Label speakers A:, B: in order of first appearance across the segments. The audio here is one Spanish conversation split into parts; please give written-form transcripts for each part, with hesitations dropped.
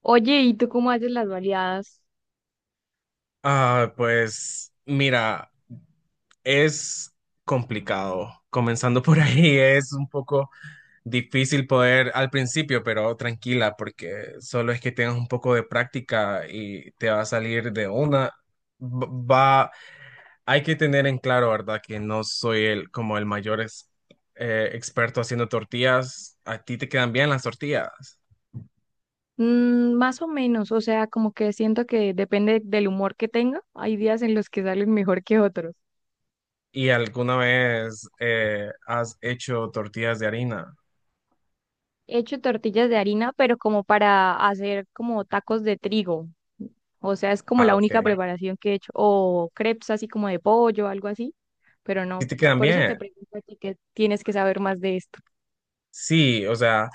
A: Oye, ¿y tú cómo haces las baleadas?
B: Ah, pues mira, es complicado. Comenzando por ahí es un poco difícil poder al principio, pero tranquila, porque solo es que tengas un poco de práctica y te va a salir de una. Va, hay que tener en claro, ¿verdad? Que no soy el como el mayor experto haciendo tortillas. A ti te quedan bien las tortillas.
A: Mm, más o menos, o sea, como que siento que depende del humor que tenga. Hay días en los que salen mejor que otros.
B: ¿Y alguna vez has hecho tortillas de harina?
A: He hecho tortillas de harina, pero como para hacer como tacos de trigo. O sea, es como
B: Ah,
A: la única
B: ok. Bueno,
A: preparación que he hecho. O crepes así como de pollo, algo así. Pero
B: sí
A: no,
B: te quedan
A: por eso te
B: bien.
A: pregunto a ti que tienes que saber más de esto.
B: Sí, o sea,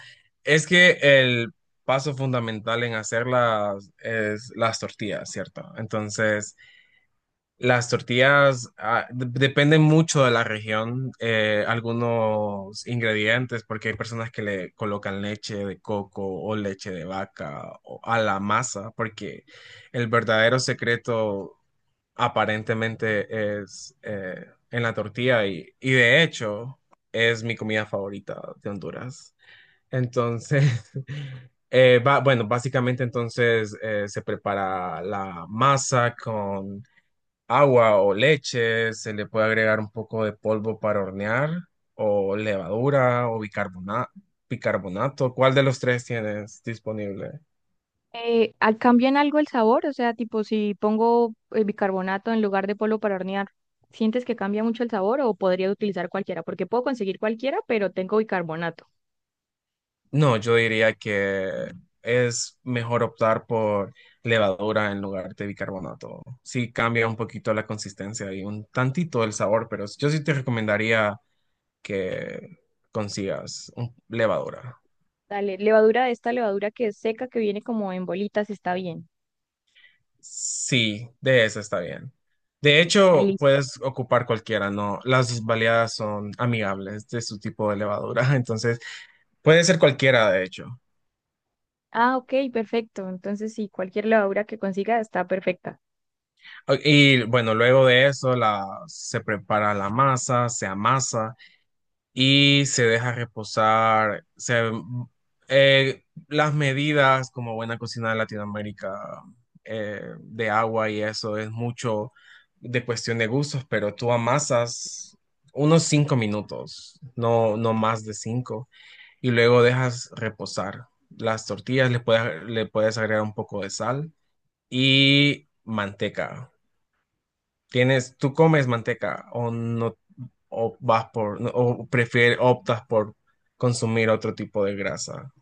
B: es que el paso fundamental en hacerlas es las tortillas, ¿cierto? Entonces, las tortillas dependen mucho de la región, algunos ingredientes, porque hay personas que le colocan leche de coco o leche de vaca a la masa, porque el verdadero secreto aparentemente es en la tortilla y de hecho es mi comida favorita de Honduras. Entonces, bueno, básicamente entonces se prepara la masa con agua o leche, se le puede agregar un poco de polvo para hornear o levadura o bicarbonato. ¿Cuál de los tres tienes disponible?
A: ¿ ¿cambia en algo el sabor? O sea, tipo, si pongo bicarbonato en lugar de polvo para hornear, ¿sientes que cambia mucho el sabor o podría utilizar cualquiera? Porque puedo conseguir cualquiera, pero tengo bicarbonato.
B: No, yo diría que es mejor optar por levadura en lugar de bicarbonato. Sí cambia un poquito la consistencia y un tantito el sabor, pero yo sí te recomendaría que consigas levadura.
A: Dale, levadura de esta levadura que es seca, que viene como en bolitas, está bien.
B: Sí, de esa está bien. De
A: Ahí
B: hecho,
A: listo.
B: puedes ocupar cualquiera, ¿no? Las baleadas son amigables de su tipo de levadura, entonces puede ser cualquiera, de hecho.
A: Ah, ok, perfecto. Entonces, sí, cualquier levadura que consiga está perfecta.
B: Y bueno, luego de eso se prepara la masa, se amasa, y se deja reposar. Las medidas, como buena cocina de Latinoamérica, de agua y eso, es mucho de cuestión de gustos, pero tú amasas unos 5 minutos, no, no más de 5, y luego dejas reposar. Las tortillas le puedes agregar un poco de sal y manteca. Tú comes manteca o no, o vas por, no, o prefieres, optas por consumir otro tipo de grasa.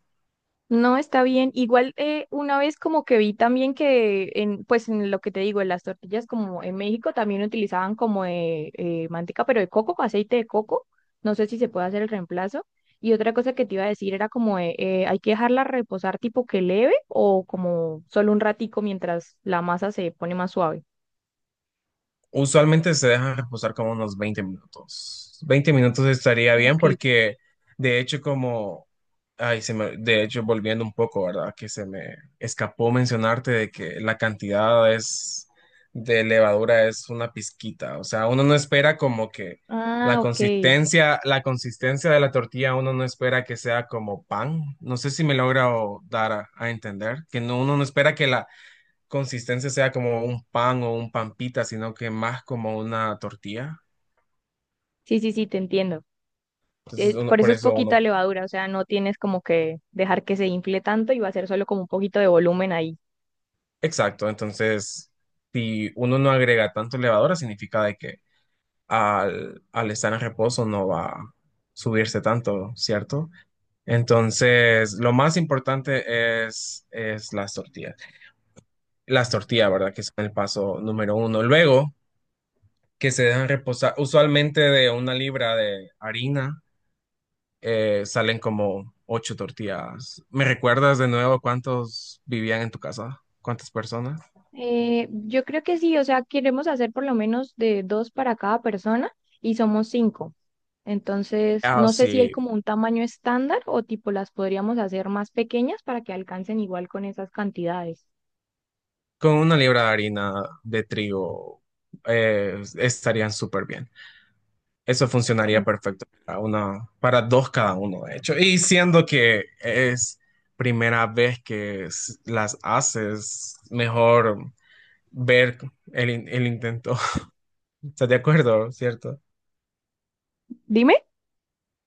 A: No, está bien. Igual una vez como que vi también que en, pues en lo que te digo, en las tortillas como en México también utilizaban como de, manteca, pero de coco, aceite de coco. No sé si se puede hacer el reemplazo. Y otra cosa que te iba a decir era como de, hay que dejarla reposar tipo que leve o como solo un ratico mientras la masa se pone más suave.
B: Usualmente se dejan reposar como unos 20 minutos. 20 minutos estaría bien
A: Ok.
B: porque de hecho como, de hecho volviendo un poco, ¿verdad? Que se me escapó mencionarte de que la cantidad es de levadura es una pizquita, o sea, uno no espera como que
A: Ah,
B: la
A: ok.
B: consistencia, la consistencia de la tortilla, uno no espera que sea como pan. No sé si me logro dar a entender, que no, uno no espera que la consistencia sea como un pan o un pampita, sino que más como una tortilla.
A: Sí, sí, sí, te entiendo.
B: Entonces, uno,
A: Por
B: por
A: eso es
B: eso
A: poquita
B: uno.
A: levadura, o sea, no tienes como que dejar que se infle tanto y va a ser solo como un poquito de volumen ahí.
B: Exacto. Entonces, si uno no agrega tanto levadura, significa de que al estar en reposo no va a subirse tanto, ¿cierto? Entonces, lo más importante es las tortillas. Las tortillas, ¿verdad? Que son el paso número uno. Luego, que se dejan reposar usualmente de 1 libra de harina salen como 8 tortillas. ¿Me recuerdas de nuevo cuántos vivían en tu casa? ¿Cuántas personas?
A: Yo creo que sí, o sea, queremos hacer por lo menos de dos para cada persona y somos cinco. Entonces,
B: Ah,
A: no sé si hay
B: sí,
A: como un tamaño estándar o tipo las podríamos hacer más pequeñas para que alcancen igual con esas cantidades.
B: con 1 libra de harina de trigo estarían súper bien. Eso
A: Mm.
B: funcionaría perfecto para una, para dos cada uno, de hecho. Y siendo que es primera vez que las haces, mejor ver el intento. ¿Estás de acuerdo, cierto?
A: Dime,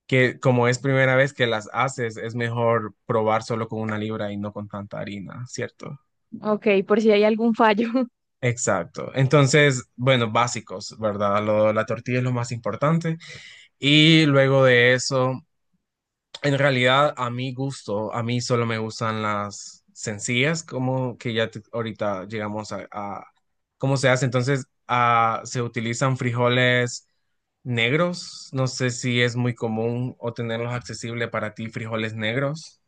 B: Que como es primera vez que las haces, es mejor probar solo con 1 libra y no con tanta harina, ¿cierto?
A: ok, por si hay algún fallo.
B: Exacto. Entonces, bueno, básicos, ¿verdad? La tortilla es lo más importante. Y luego de eso, en realidad, a mi gusto, a mí solo me gustan las sencillas, como que ya ahorita llegamos a cómo se hace. Entonces, se utilizan frijoles negros. No sé si es muy común o tenerlos accesible para ti, frijoles negros.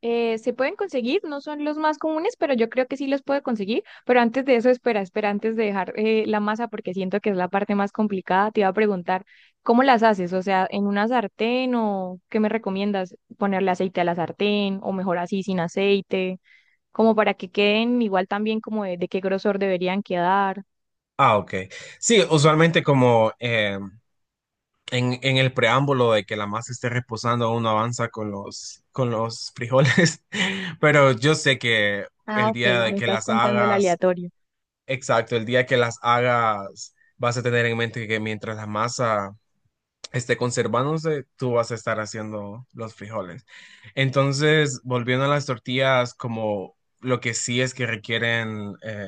A: Se pueden conseguir, no son los más comunes, pero yo creo que sí los puedo conseguir. Pero antes de eso, espera, espera, antes de dejar la masa, porque siento que es la parte más complicada, te iba a preguntar, ¿cómo las haces? O sea, ¿en una sartén o qué me recomiendas? ¿Ponerle aceite a la sartén o mejor así sin aceite? Como para que queden igual también como de qué grosor deberían quedar.
B: Ah, ok. Sí, usualmente como en el preámbulo de que la masa esté reposando, uno avanza con los frijoles, pero yo sé que
A: Ah,
B: el
A: ok,
B: día
A: me
B: de que
A: estás
B: las
A: contando el
B: hagas,
A: aleatorio.
B: exacto, el día que las hagas, vas a tener en mente que mientras la masa esté conservándose, tú vas a estar haciendo los frijoles. Entonces, volviendo a las tortillas, como lo que sí es que requieren... eh,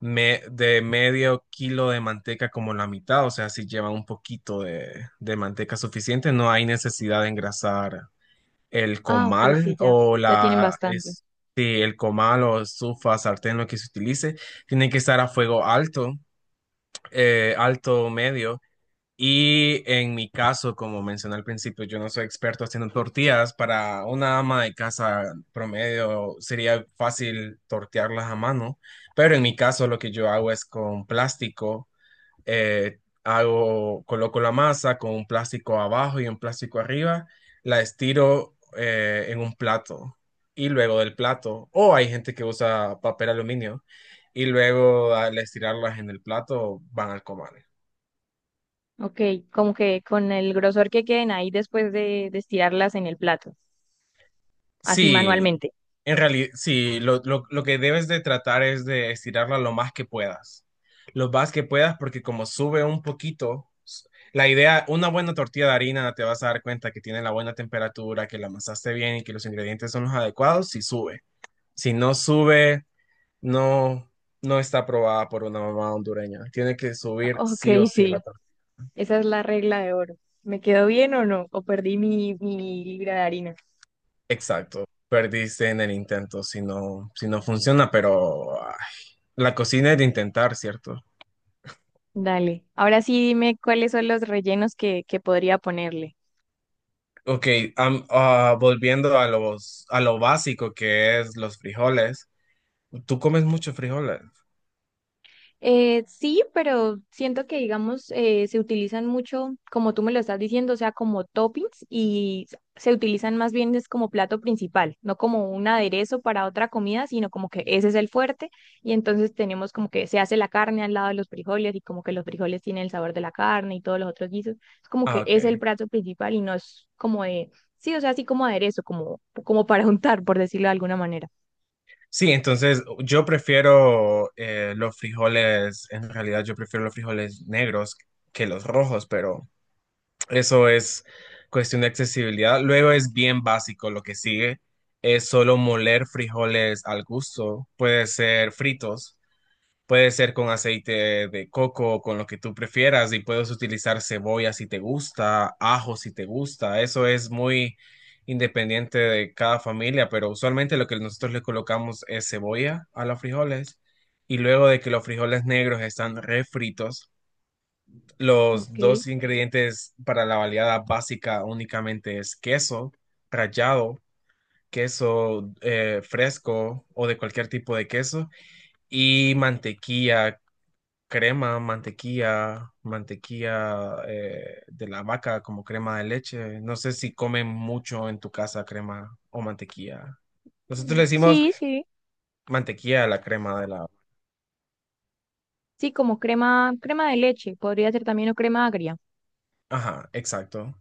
B: me- de medio kilo de manteca como la mitad, o sea, si lleva un poquito de manteca suficiente, no hay necesidad de engrasar el
A: Ah, ok, sí,
B: comal
A: ya,
B: o
A: ya tienen bastante.
B: sí, el comal o estufa, sartén, lo que se utilice, tiene que estar a fuego alto, alto o medio, y en mi caso, como mencioné al principio, yo no soy experto haciendo tortillas. Para una ama de casa promedio sería fácil tortearlas a mano, pero en mi caso lo que yo hago es con plástico. eh, Coloco la masa con un plástico abajo y un plástico arriba, la estiro en un plato y luego del plato, o hay gente que usa papel aluminio y luego al estirarlas en el plato van al comal.
A: Ok, como que con el grosor que queden ahí después de estirarlas en el plato. Así
B: Sí,
A: manualmente.
B: en realidad, sí, lo que debes de tratar es de estirarla lo más que puedas. Lo más que puedas, porque como sube un poquito, la idea, una buena tortilla de harina, te vas a dar cuenta que tiene la buena temperatura, que la amasaste bien y que los ingredientes son los adecuados, si sube. Si no sube, no, no está aprobada por una mamá hondureña. Tiene que subir
A: Ok,
B: sí o sí la
A: sí,
B: tortilla.
A: esa es la regla de oro. ¿Me quedó bien o no? ¿O perdí mi, mi libra de harina?
B: Exacto. Perdiste en el intento si no, funciona, pero ay, la cocina es de intentar, ¿cierto?
A: Dale. Ahora sí dime cuáles son los rellenos que podría ponerle.
B: Ok, volviendo a los, a lo básico que es los frijoles. ¿Tú comes muchos frijoles?
A: Sí, pero siento que, digamos, se utilizan mucho, como tú me lo estás diciendo, o sea, como toppings y se utilizan más bien es como plato principal, no como un aderezo para otra comida, sino como que ese es el fuerte y entonces tenemos como que se hace la carne al lado de los frijoles y como que los frijoles tienen el sabor de la carne y todos los otros guisos, es como
B: Ah,
A: que es
B: ok.
A: el plato principal y no es como de, sí, o sea, así como aderezo, como, como para untar, por decirlo de alguna manera.
B: Sí, entonces yo prefiero los frijoles, en realidad yo prefiero los frijoles negros que los rojos, pero eso es cuestión de accesibilidad. Luego es bien básico lo que sigue. Es solo moler frijoles al gusto. Puede ser fritos, puede ser con aceite de coco, o con lo que tú prefieras, y puedes utilizar cebolla si te gusta, ajo si te gusta. Eso es muy independiente de cada familia, pero usualmente lo que nosotros le colocamos es cebolla a los frijoles. Y luego de que los frijoles negros están refritos, los
A: Ok.
B: dos ingredientes para la baleada básica únicamente es queso rallado, queso fresco o de cualquier tipo de queso y mantequilla, crema, mantequilla de la vaca como crema de leche. No sé si comen mucho en tu casa crema o mantequilla. Nosotros le decimos
A: Sí, sí.
B: mantequilla a la crema de la.
A: Sí, como crema, crema de leche, podría ser también o crema agria.
B: Ajá, exacto.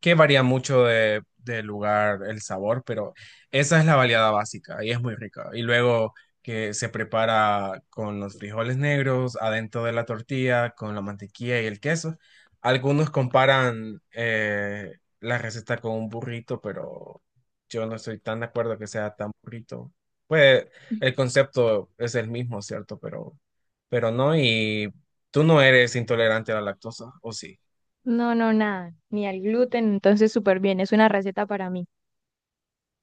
B: Que varía mucho de lugar el sabor, pero esa es la baleada básica y es muy rica. Y luego que se prepara con los frijoles negros adentro de la tortilla, con la mantequilla y el queso. Algunos comparan la receta con un burrito, pero yo no estoy tan de acuerdo que sea tan burrito. Pues el concepto es el mismo, ¿cierto? Pero no, y tú no eres intolerante a la lactosa, ¿o sí?
A: No, no, nada, ni al gluten, entonces súper bien, es una receta para mí.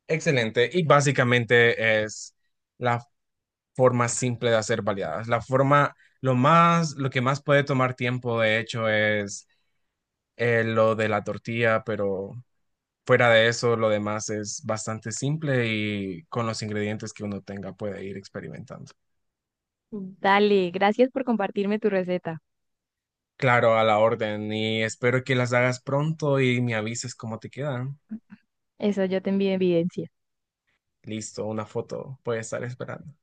B: Excelente. Y básicamente es la forma simple de hacer baleadas. La forma, lo más, lo que más puede tomar tiempo, de hecho, es lo de la tortilla, pero fuera de eso, lo demás es bastante simple y con los ingredientes que uno tenga puede ir experimentando.
A: Dale, gracias por compartirme tu receta.
B: Claro, a la orden. Y espero que las hagas pronto y me avises cómo te quedan.
A: Eso yo te envío evidencia.
B: Listo, una foto puede estar esperando.